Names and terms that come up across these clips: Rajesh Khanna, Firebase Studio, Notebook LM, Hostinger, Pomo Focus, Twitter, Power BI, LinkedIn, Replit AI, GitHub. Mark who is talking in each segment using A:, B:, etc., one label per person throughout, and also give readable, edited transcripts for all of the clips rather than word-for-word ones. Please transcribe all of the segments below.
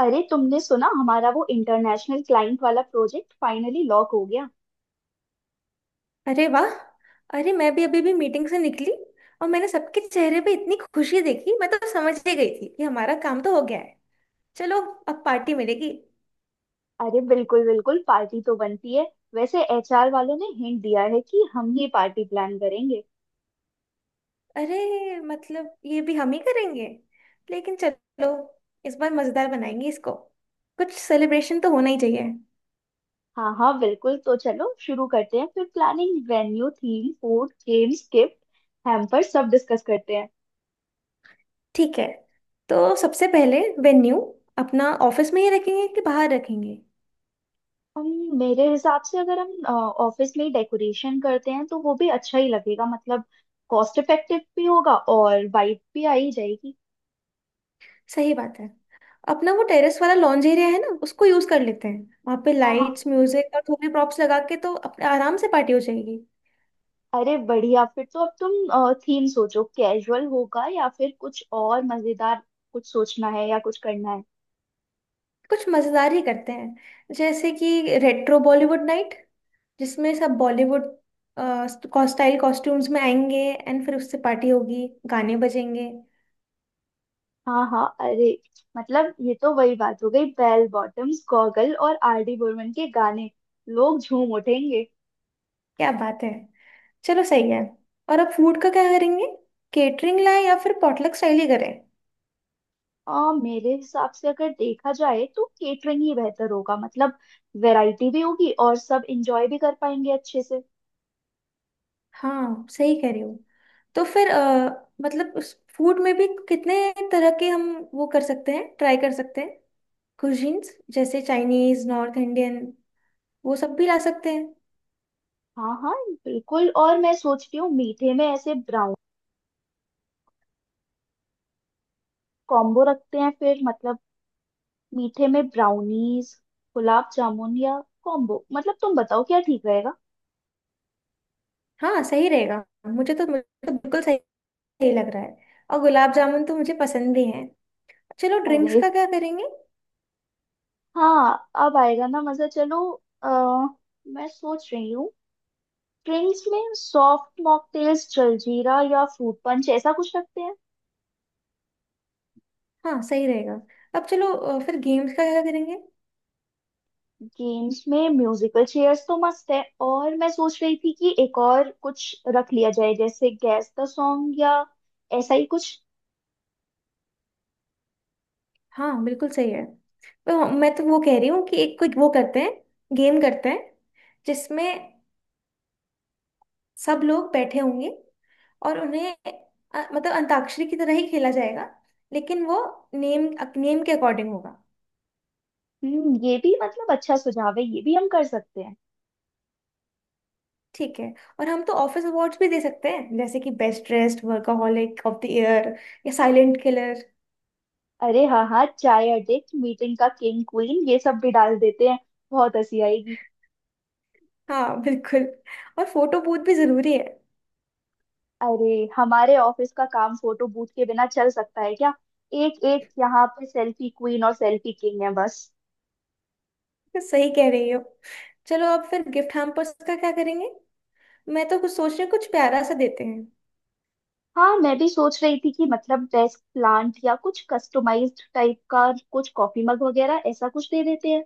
A: अरे तुमने सुना हमारा वो इंटरनेशनल क्लाइंट वाला प्रोजेक्ट फाइनली लॉक हो गया।
B: अरे वाह। अरे मैं भी अभी भी मीटिंग से निकली। और मैंने सबके चेहरे पे इतनी खुशी देखी, मैं तो समझ ही गई थी कि हमारा काम तो हो गया है। चलो अब पार्टी मिलेगी।
A: अरे बिल्कुल बिल्कुल, पार्टी तो बनती है। वैसे एचआर वालों ने हिंट दिया है कि हम ही पार्टी प्लान करेंगे।
B: अरे मतलब ये भी हम ही करेंगे। लेकिन चलो इस बार मजेदार बनाएंगे इसको। कुछ सेलिब्रेशन तो होना ही चाहिए।
A: हाँ हाँ बिल्कुल, तो चलो शुरू करते हैं फिर planning, venue, theme, food, games, gift hamper सब डिस्कस करते हैं।
B: ठीक है। तो सबसे पहले वेन्यू अपना ऑफिस में ही रखेंगे कि बाहर रखेंगे?
A: हम मेरे हिसाब से अगर हम ऑफिस में डेकोरेशन करते हैं तो वो भी अच्छा ही लगेगा, मतलब कॉस्ट इफेक्टिव भी होगा और वाइब भी आ ही जाएगी।
B: सही बात है। अपना वो टेरेस वाला लॉन्ज एरिया है ना, उसको यूज कर लेते हैं। वहां पे
A: हाँ हाँ।
B: लाइट्स, म्यूजिक और थोड़ी प्रॉप्स लगा के तो अपने आराम से पार्टी हो जाएगी।
A: अरे बढ़िया, फिर तो अब तुम थीम सोचो, कैजुअल होगा या फिर कुछ और मजेदार, कुछ सोचना है या कुछ करना है।
B: कुछ मजेदार ही करते हैं, जैसे कि रेट्रो बॉलीवुड नाइट, जिसमें सब बॉलीवुड स्टाइल कॉस्ट्यूम्स में आएंगे। एंड फिर उससे पार्टी होगी, गाने बजेंगे।
A: हाँ हाँ, अरे मतलब ये तो वही बात हो गई, बेल बॉटम्स, गॉगल और आर डी बर्मन के गाने, लोग झूम उठेंगे।
B: क्या बात है। चलो सही है। और अब फूड का क्या करेंगे? केटरिंग लाए या फिर पॉटलक स्टाइल ही करें?
A: मेरे हिसाब से अगर देखा जाए तो केटरिंग ही बेहतर होगा, मतलब वैरायटी भी होगी और सब इंजॉय भी कर पाएंगे अच्छे से।
B: हाँ सही कह रहे हो। तो फिर मतलब उस फूड में भी कितने तरह के हम वो कर सकते हैं, ट्राई कर सकते हैं। कुजीन्स जैसे चाइनीज, नॉर्थ इंडियन, वो सब भी ला सकते हैं।
A: हाँ हाँ बिल्कुल, और मैं सोच रही हूँ मीठे में ऐसे ब्राउन कॉम्बो रखते हैं फिर, मतलब मीठे में ब्राउनीज, गुलाब जामुन या कॉम्बो, मतलब तुम बताओ क्या ठीक रहेगा।
B: हाँ सही रहेगा। मुझे तो बिल्कुल सही, सही लग रहा है। और गुलाब जामुन तो मुझे पसंद भी है। चलो ड्रिंक्स
A: अरे
B: का क्या करेंगे?
A: हाँ, अब आएगा ना मजा। चलो, आ, मैं सोच रही हूँ ड्रिंक्स में सॉफ्ट मॉकटेल्स, जलजीरा या फ्रूट पंच ऐसा कुछ रखते हैं।
B: हाँ सही रहेगा। अब चलो फिर गेम्स का क्या करेंगे?
A: गेम्स में म्यूजिकल चेयर्स तो मस्त है, और मैं सोच रही थी कि एक और कुछ रख लिया जाए जैसे गैस द सॉन्ग या ऐसा ही कुछ।
B: हाँ बिल्कुल सही है। तो मैं तो वो कह रही हूँ कि एक कुछ वो करते हैं, गेम करते हैं जिसमें सब लोग बैठे होंगे और उन्हें मतलब अंताक्षरी की तरह ही खेला जाएगा, लेकिन वो नेम नेम के अकॉर्डिंग होगा।
A: हम्म, ये भी मतलब अच्छा सुझाव है, ये भी हम कर सकते हैं।
B: ठीक है। और हम तो ऑफिस अवार्ड्स भी दे सकते हैं, जैसे कि best dressed workaholic of the year या साइलेंट किलर।
A: अरे हाँ हाँ, चाय अड्डे, मीटिंग का किंग क्वीन, ये सब भी डाल देते हैं, बहुत हंसी आएगी।
B: हाँ बिल्कुल। और फोटो बूथ भी जरूरी है।
A: अरे हमारे ऑफिस का काम फोटो बूथ के बिना चल सकता है क्या? एक एक यहाँ पे सेल्फी क्वीन और सेल्फी किंग है बस।
B: तो सही कह रही हो। चलो अब फिर गिफ्ट हैम्पर्स का क्या करेंगे? मैं तो कुछ सोच रही हूँ, कुछ प्यारा सा देते हैं।
A: हाँ, मैं भी सोच रही थी कि मतलब डेस्क प्लांट या कुछ कस्टमाइज्ड टाइप का, कुछ कॉफी मग वगैरह, ऐसा कुछ दे देते हैं।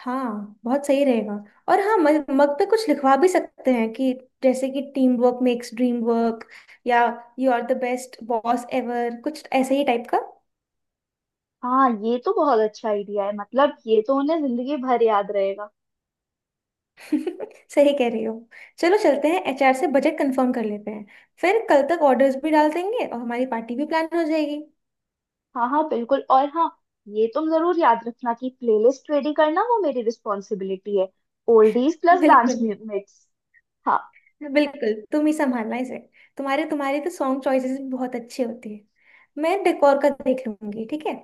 B: हाँ बहुत सही रहेगा। और हाँ, मग मग पे कुछ लिखवा भी सकते हैं कि जैसे कि team work makes dream work, या you are the best boss ever, कुछ ऐसे ही टाइप का।
A: हाँ, ये तो बहुत अच्छा आइडिया है, मतलब ये तो उन्हें जिंदगी भर याद रहेगा।
B: सही कह रही हो। चलो चलते हैं, एचआर से बजट कंफर्म कर लेते हैं। फिर कल तक ऑर्डर्स भी डाल देंगे और हमारी पार्टी भी प्लान हो जाएगी।
A: हाँ हाँ बिल्कुल, और हाँ, ये तुम जरूर याद रखना कि प्लेलिस्ट रेडी करना वो मेरी रिस्पॉन्सिबिलिटी है, ओल्डीज प्लस डांस
B: बिल्कुल।
A: मिक्स। हाँ
B: बिल्कुल तुम ही संभालना इसे। तुम्हारे तुम्हारे तो सॉन्ग चॉइसेस भी बहुत अच्छी होती है। मैं डेकोर का देख लूंगी, ठीक है।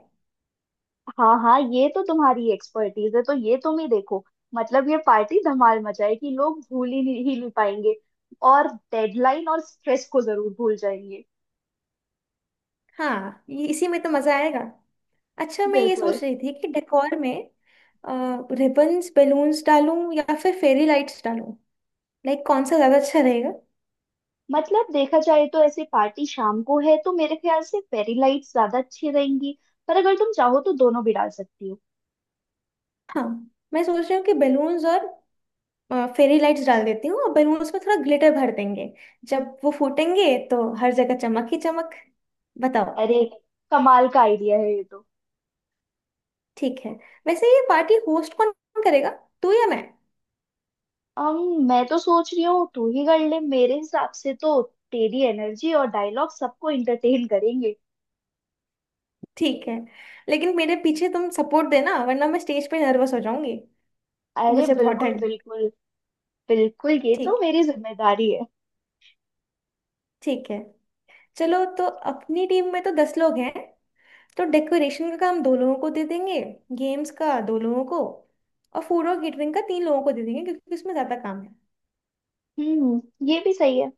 A: हाँ। हाँ, ये तो तुम्हारी एक्सपर्टीज है तो ये तुम ही देखो। मतलब ये पार्टी धमाल मचाएगी, लोग भूल ही नहीं पाएंगे, और डेडलाइन और स्ट्रेस को जरूर भूल जाएंगे।
B: हाँ इसी में तो मजा आएगा। अच्छा मैं ये
A: बिल्कुल।
B: सोच रही थी कि डेकोर में रिबन्स, बलून्स डालूं या फिर फेरी लाइट्स डालूं? लाइक कौन सा ज्यादा अच्छा रहेगा?
A: मतलब देखा जाए तो ऐसे पार्टी शाम को है तो मेरे ख्याल से फेरी लाइट्स ज्यादा अच्छी रहेंगी, पर अगर तुम चाहो तो दोनों भी डाल सकती हो।
B: हाँ मैं सोच रही हूँ कि बलून्स और फेरी लाइट्स डाल देती हूँ, और बलून्स में थोड़ा ग्लिटर भर देंगे। जब वो फूटेंगे तो हर जगह चमक ही चमक। बताओ।
A: अरे कमाल का आइडिया है ये तो।
B: ठीक है। वैसे ये पार्टी होस्ट कौन करेगा, तू या मैं?
A: अम मैं तो सोच रही हूँ तू ही कर ले, मेरे हिसाब से तो तेरी एनर्जी और डायलॉग सबको इंटरटेन करेंगे।
B: ठीक है। लेकिन मेरे पीछे तुम सपोर्ट देना वरना मैं स्टेज पे नर्वस हो जाऊंगी।
A: अरे
B: मुझे बहुत
A: बिल्कुल
B: डर।
A: बिल्कुल। बिल्कुल, ये तो
B: ठीक
A: मेरी जिम्मेदारी है।
B: ठीक है। चलो तो अपनी टीम में तो 10 लोग हैं। तो डेकोरेशन का काम दो लोगों को दे देंगे, गेम्स का दो लोगों को, और फूड और केटरिंग का तीन लोगों को दे देंगे क्योंकि उसमें ज्यादा काम है।
A: हम्म, ये भी सही है।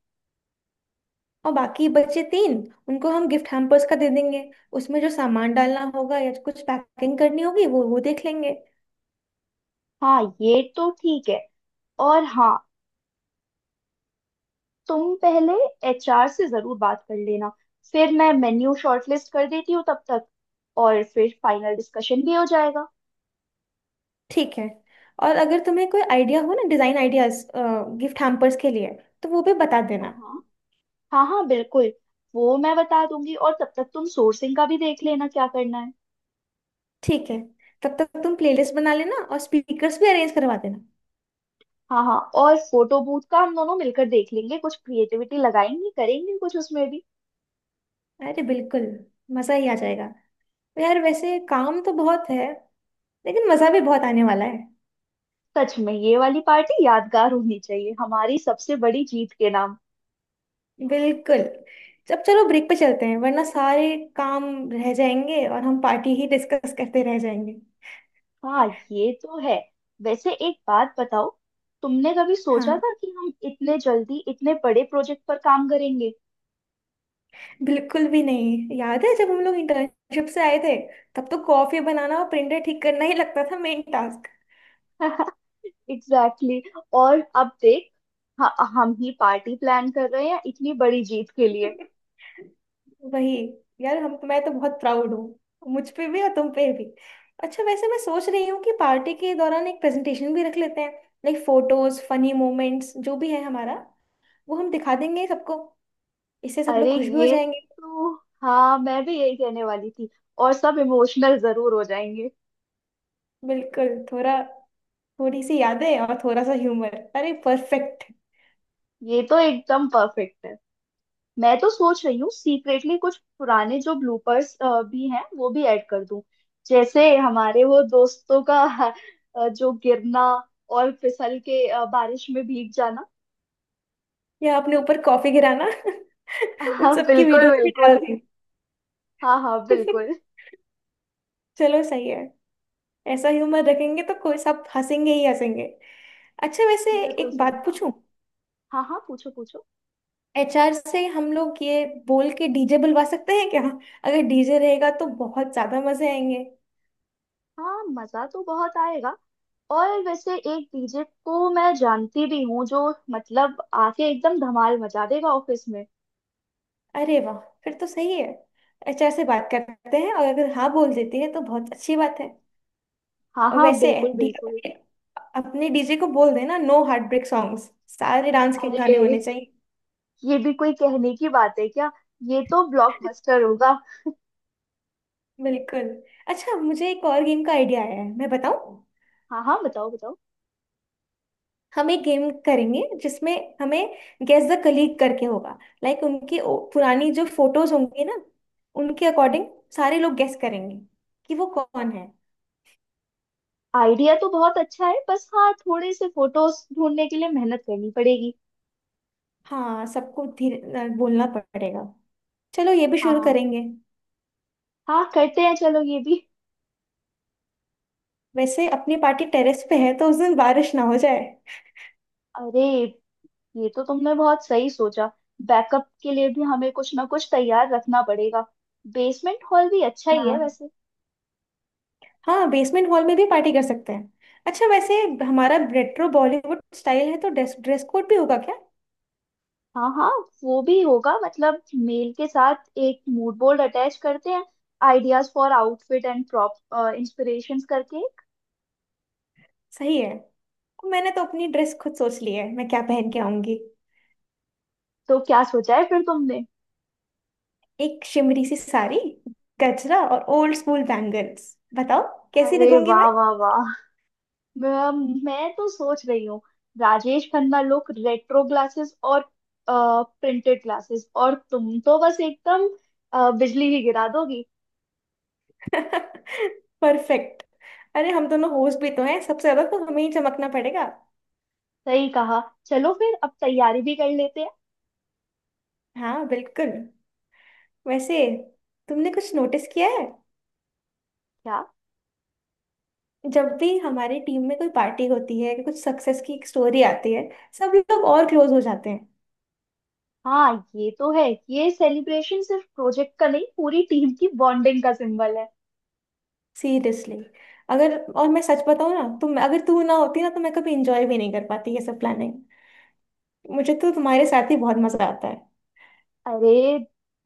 B: और बाकी बचे तीन, उनको हम गिफ्ट हैम्पर्स का दे देंगे। उसमें जो सामान डालना होगा या कुछ पैकिंग करनी होगी वो देख लेंगे।
A: हाँ ये तो ठीक है, और हाँ, तुम पहले एचआर से जरूर बात कर लेना, फिर मैं मेन्यू शॉर्टलिस्ट कर देती हूँ तब तक, और फिर फाइनल डिस्कशन भी हो जाएगा।
B: ठीक है। और अगर तुम्हें कोई आइडिया हो ना, डिजाइन आइडियाज गिफ्ट हैम्पर्स के लिए, तो वो भी बता देना।
A: हाँ हाँ। हाँ हाँ बिल्कुल, वो मैं बता दूंगी, और तब तक तुम सोर्सिंग का भी देख लेना क्या करना है।
B: ठीक है। तब तक तुम प्लेलिस्ट बना लेना और स्पीकर्स भी अरेंज करवा देना।
A: हाँ हाँ, और फोटो बूथ का हम दोनों मिलकर देख लेंगे, कुछ क्रिएटिविटी लगाएंगे, करेंगे कुछ उसमें भी।
B: अरे बिल्कुल। मजा ही आ जाएगा। यार वैसे काम तो बहुत है, लेकिन मजा भी बहुत आने वाला है।
A: सच में ये वाली पार्टी यादगार होनी चाहिए, हमारी सबसे बड़ी जीत के नाम।
B: बिल्कुल। जब चलो ब्रेक पे चलते हैं, वरना सारे काम रह जाएंगे और हम पार्टी ही डिस्कस करते रह जाएंगे।
A: हाँ ये तो है। वैसे एक बात बताओ, तुमने कभी सोचा
B: हाँ
A: था कि हम इतने जल्दी इतने बड़े प्रोजेक्ट पर काम करेंगे?
B: बिल्कुल भी नहीं। याद है जब हम लोग इंटर्नशिप से आए थे, तब तो कॉफी बनाना और प्रिंटर ठीक करना ही लगता था मेन टास्क।
A: Exactly exactly। और अब देख, हम ही पार्टी प्लान कर रहे हैं इतनी बड़ी जीत के लिए।
B: वही। यार हम, मैं तो बहुत प्राउड हूँ, मुझ पे भी और तुम पे भी। अच्छा वैसे मैं सोच रही हूँ कि पार्टी के दौरान एक प्रेजेंटेशन भी रख लेते हैं, लाइक फोटोज, फनी मोमेंट्स, जो भी है हमारा, वो हम दिखा देंगे सबको। इससे सब लोग
A: अरे
B: खुश भी हो
A: ये
B: जाएंगे।
A: तो हाँ, मैं भी यही कहने वाली थी, और सब इमोशनल जरूर हो जाएंगे।
B: बिल्कुल। थोड़ा थोड़ी सी यादें और थोड़ा सा ह्यूमर, अरे परफेक्ट।
A: ये तो एकदम परफेक्ट है। मैं तो सोच रही हूँ सीक्रेटली कुछ पुराने जो ब्लूपर्स भी हैं वो भी ऐड कर दूं, जैसे हमारे वो दोस्तों का जो गिरना और फिसल के बारिश में भीग जाना।
B: या अपने ऊपर कॉफी गिराना। उन
A: हाँ
B: सबकी
A: बिल्कुल
B: वीडियोस भी डाल
A: बिल्कुल।
B: दी।
A: हाँ हाँ बिल्कुल।
B: चलो सही है। ऐसा ह्यूमर रखेंगे तो कोई सब हंसेंगे ही हंसेंगे। अच्छा वैसे
A: बिल्कुल
B: एक
A: सही
B: बात
A: कहा।
B: पूछूं?
A: हाँ हाँ, पूछो पूछो।
B: एचआर से हम लोग ये बोल के डीजे बुलवा सकते हैं क्या? अगर डीजे रहेगा तो बहुत ज्यादा मजे आएंगे।
A: हाँ, मजा तो बहुत आएगा, और वैसे एक डीजे को मैं जानती भी हूँ जो मतलब आके एकदम धमाल मचा देगा ऑफिस में।
B: अरे वाह। फिर तो सही है। एचआर से बात करते हैं, और अगर हाँ बोल देती है तो बहुत अच्छी बात है।
A: हाँ
B: और
A: हाँ
B: वैसे
A: बिल्कुल बिल्कुल।
B: अपने डीजे को बोल देना नो हार्ट ब्रेक सॉन्ग्स। सारे डांस के
A: अरे
B: गाने होने चाहिए।
A: ये भी कोई कहने की बात है क्या? ये तो ब्लॉकबस्टर होगा।
B: बिल्कुल। अच्छा मुझे एक और गेम का आइडिया आया है, मैं बताऊं?
A: हाँ हाँ, बताओ बताओ।
B: हम एक गेम करेंगे जिसमें हमें गेस द कलीग करके होगा। लाइक उनकी पुरानी जो फोटोज होंगी ना, उनके अकॉर्डिंग सारे लोग गेस करेंगे कि वो कौन है।
A: आइडिया तो बहुत अच्छा है, बस हाँ थोड़े से फोटोज ढूंढने के लिए मेहनत करनी पड़ेगी।
B: हाँ सबको धीरे बोलना पड़ेगा। चलो ये भी शुरू
A: हाँ।
B: करेंगे।
A: हाँ करते हैं, चलो ये भी।
B: वैसे अपनी पार्टी टेरेस पे है, तो उस दिन बारिश ना हो जाए।
A: अरे ये तो तुमने बहुत सही सोचा, बैकअप के लिए भी हमें कुछ ना कुछ तैयार रखना पड़ेगा, बेसमेंट हॉल भी अच्छा ही है
B: हाँ,
A: वैसे।
B: हाँ बेसमेंट हॉल में भी पार्टी कर सकते हैं। अच्छा वैसे हमारा रेट्रो बॉलीवुड स्टाइल है, तो ड्रेस ड्रेस कोड भी होगा क्या?
A: हाँ हाँ, वो भी होगा, मतलब मेल के साथ एक मूड बोर्ड अटैच करते हैं, ideas for outfit and prop inspirations करके।
B: सही है। मैंने तो अपनी ड्रेस खुद सोच ली है, मैं क्या पहन के आऊंगी।
A: तो क्या सोचा है फिर तुमने?
B: एक शिमरी सी साड़ी, गजरा और ओल्ड स्कूल बैंगल्स। बताओ कैसी
A: अरे
B: दिखूंगी
A: वाह
B: मैं?
A: वाह वाह, मैं तो सोच रही हूँ Rajesh Khanna look, retro glasses और प्रिंटेड ग्लासेस, और तुम तो बस एकदम बिजली ही गिरा दोगी।
B: परफेक्ट। अरे हम दोनों होस्ट भी तो हैं, सबसे ज्यादा तो हमें ही चमकना पड़ेगा।
A: सही कहा। चलो फिर अब तैयारी भी कर लेते हैं।
B: हाँ बिल्कुल। वैसे तुमने कुछ नोटिस किया है?
A: क्या?
B: जब भी हमारी टीम में कोई पार्टी होती है, कुछ सक्सेस की एक स्टोरी आती है, सब लोग और क्लोज हो जाते हैं।
A: हाँ ये तो है। ये सेलिब्रेशन सिर्फ प्रोजेक्ट का नहीं, पूरी टीम की बॉन्डिंग का सिंबल है।
B: सीरियसली। अगर और मैं सच बताऊं ना, तुम अगर तू ना होती ना तो मैं कभी एंजॉय भी नहीं कर पाती ये सब प्लानिंग। मुझे तो तुम्हारे साथ ही बहुत मजा आता है।
A: अरे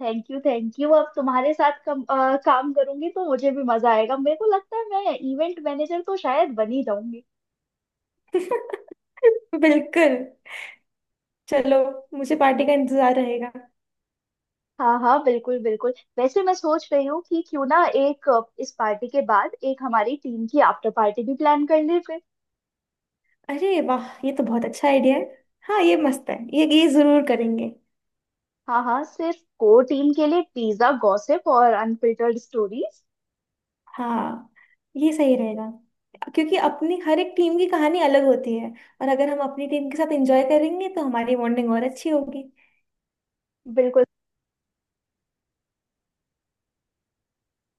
A: थैंक यू थैंक यू, अब तुम्हारे साथ काम करूंगी तो मुझे भी मजा आएगा, मेरे को लगता है मैं इवेंट मैनेजर तो शायद बन ही जाऊंगी।
B: बिल्कुल। चलो मुझे पार्टी का इंतजार रहेगा।
A: हाँ हाँ बिल्कुल बिल्कुल। वैसे मैं सोच रही हूँ कि क्यों ना एक इस पार्टी के बाद एक हमारी टीम की आफ्टर पार्टी भी प्लान कर ले फिर।
B: अरे वाह ये तो बहुत अच्छा आइडिया है। हाँ ये मस्त है, ये जरूर करेंगे।
A: हाँ हाँ, सिर्फ कोर टीम के लिए, पिज्जा, गॉसिप और अनफिल्टर्ड स्टोरीज।
B: हाँ ये सही रहेगा, क्योंकि अपनी हर एक टीम की कहानी अलग होती है। और अगर हम अपनी टीम के साथ एंजॉय करेंगे तो हमारी बॉन्डिंग और अच्छी होगी।
A: बिल्कुल,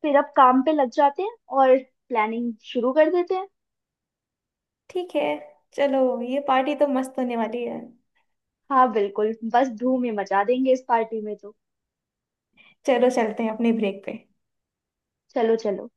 A: फिर अब काम पे लग जाते हैं और प्लानिंग शुरू कर देते हैं।
B: ठीक है। चलो ये पार्टी तो मस्त होने वाली है।
A: हाँ बिल्कुल, बस धूम ही मचा देंगे इस पार्टी में तो।
B: चलो चलते हैं अपने ब्रेक पे।
A: चलो चलो।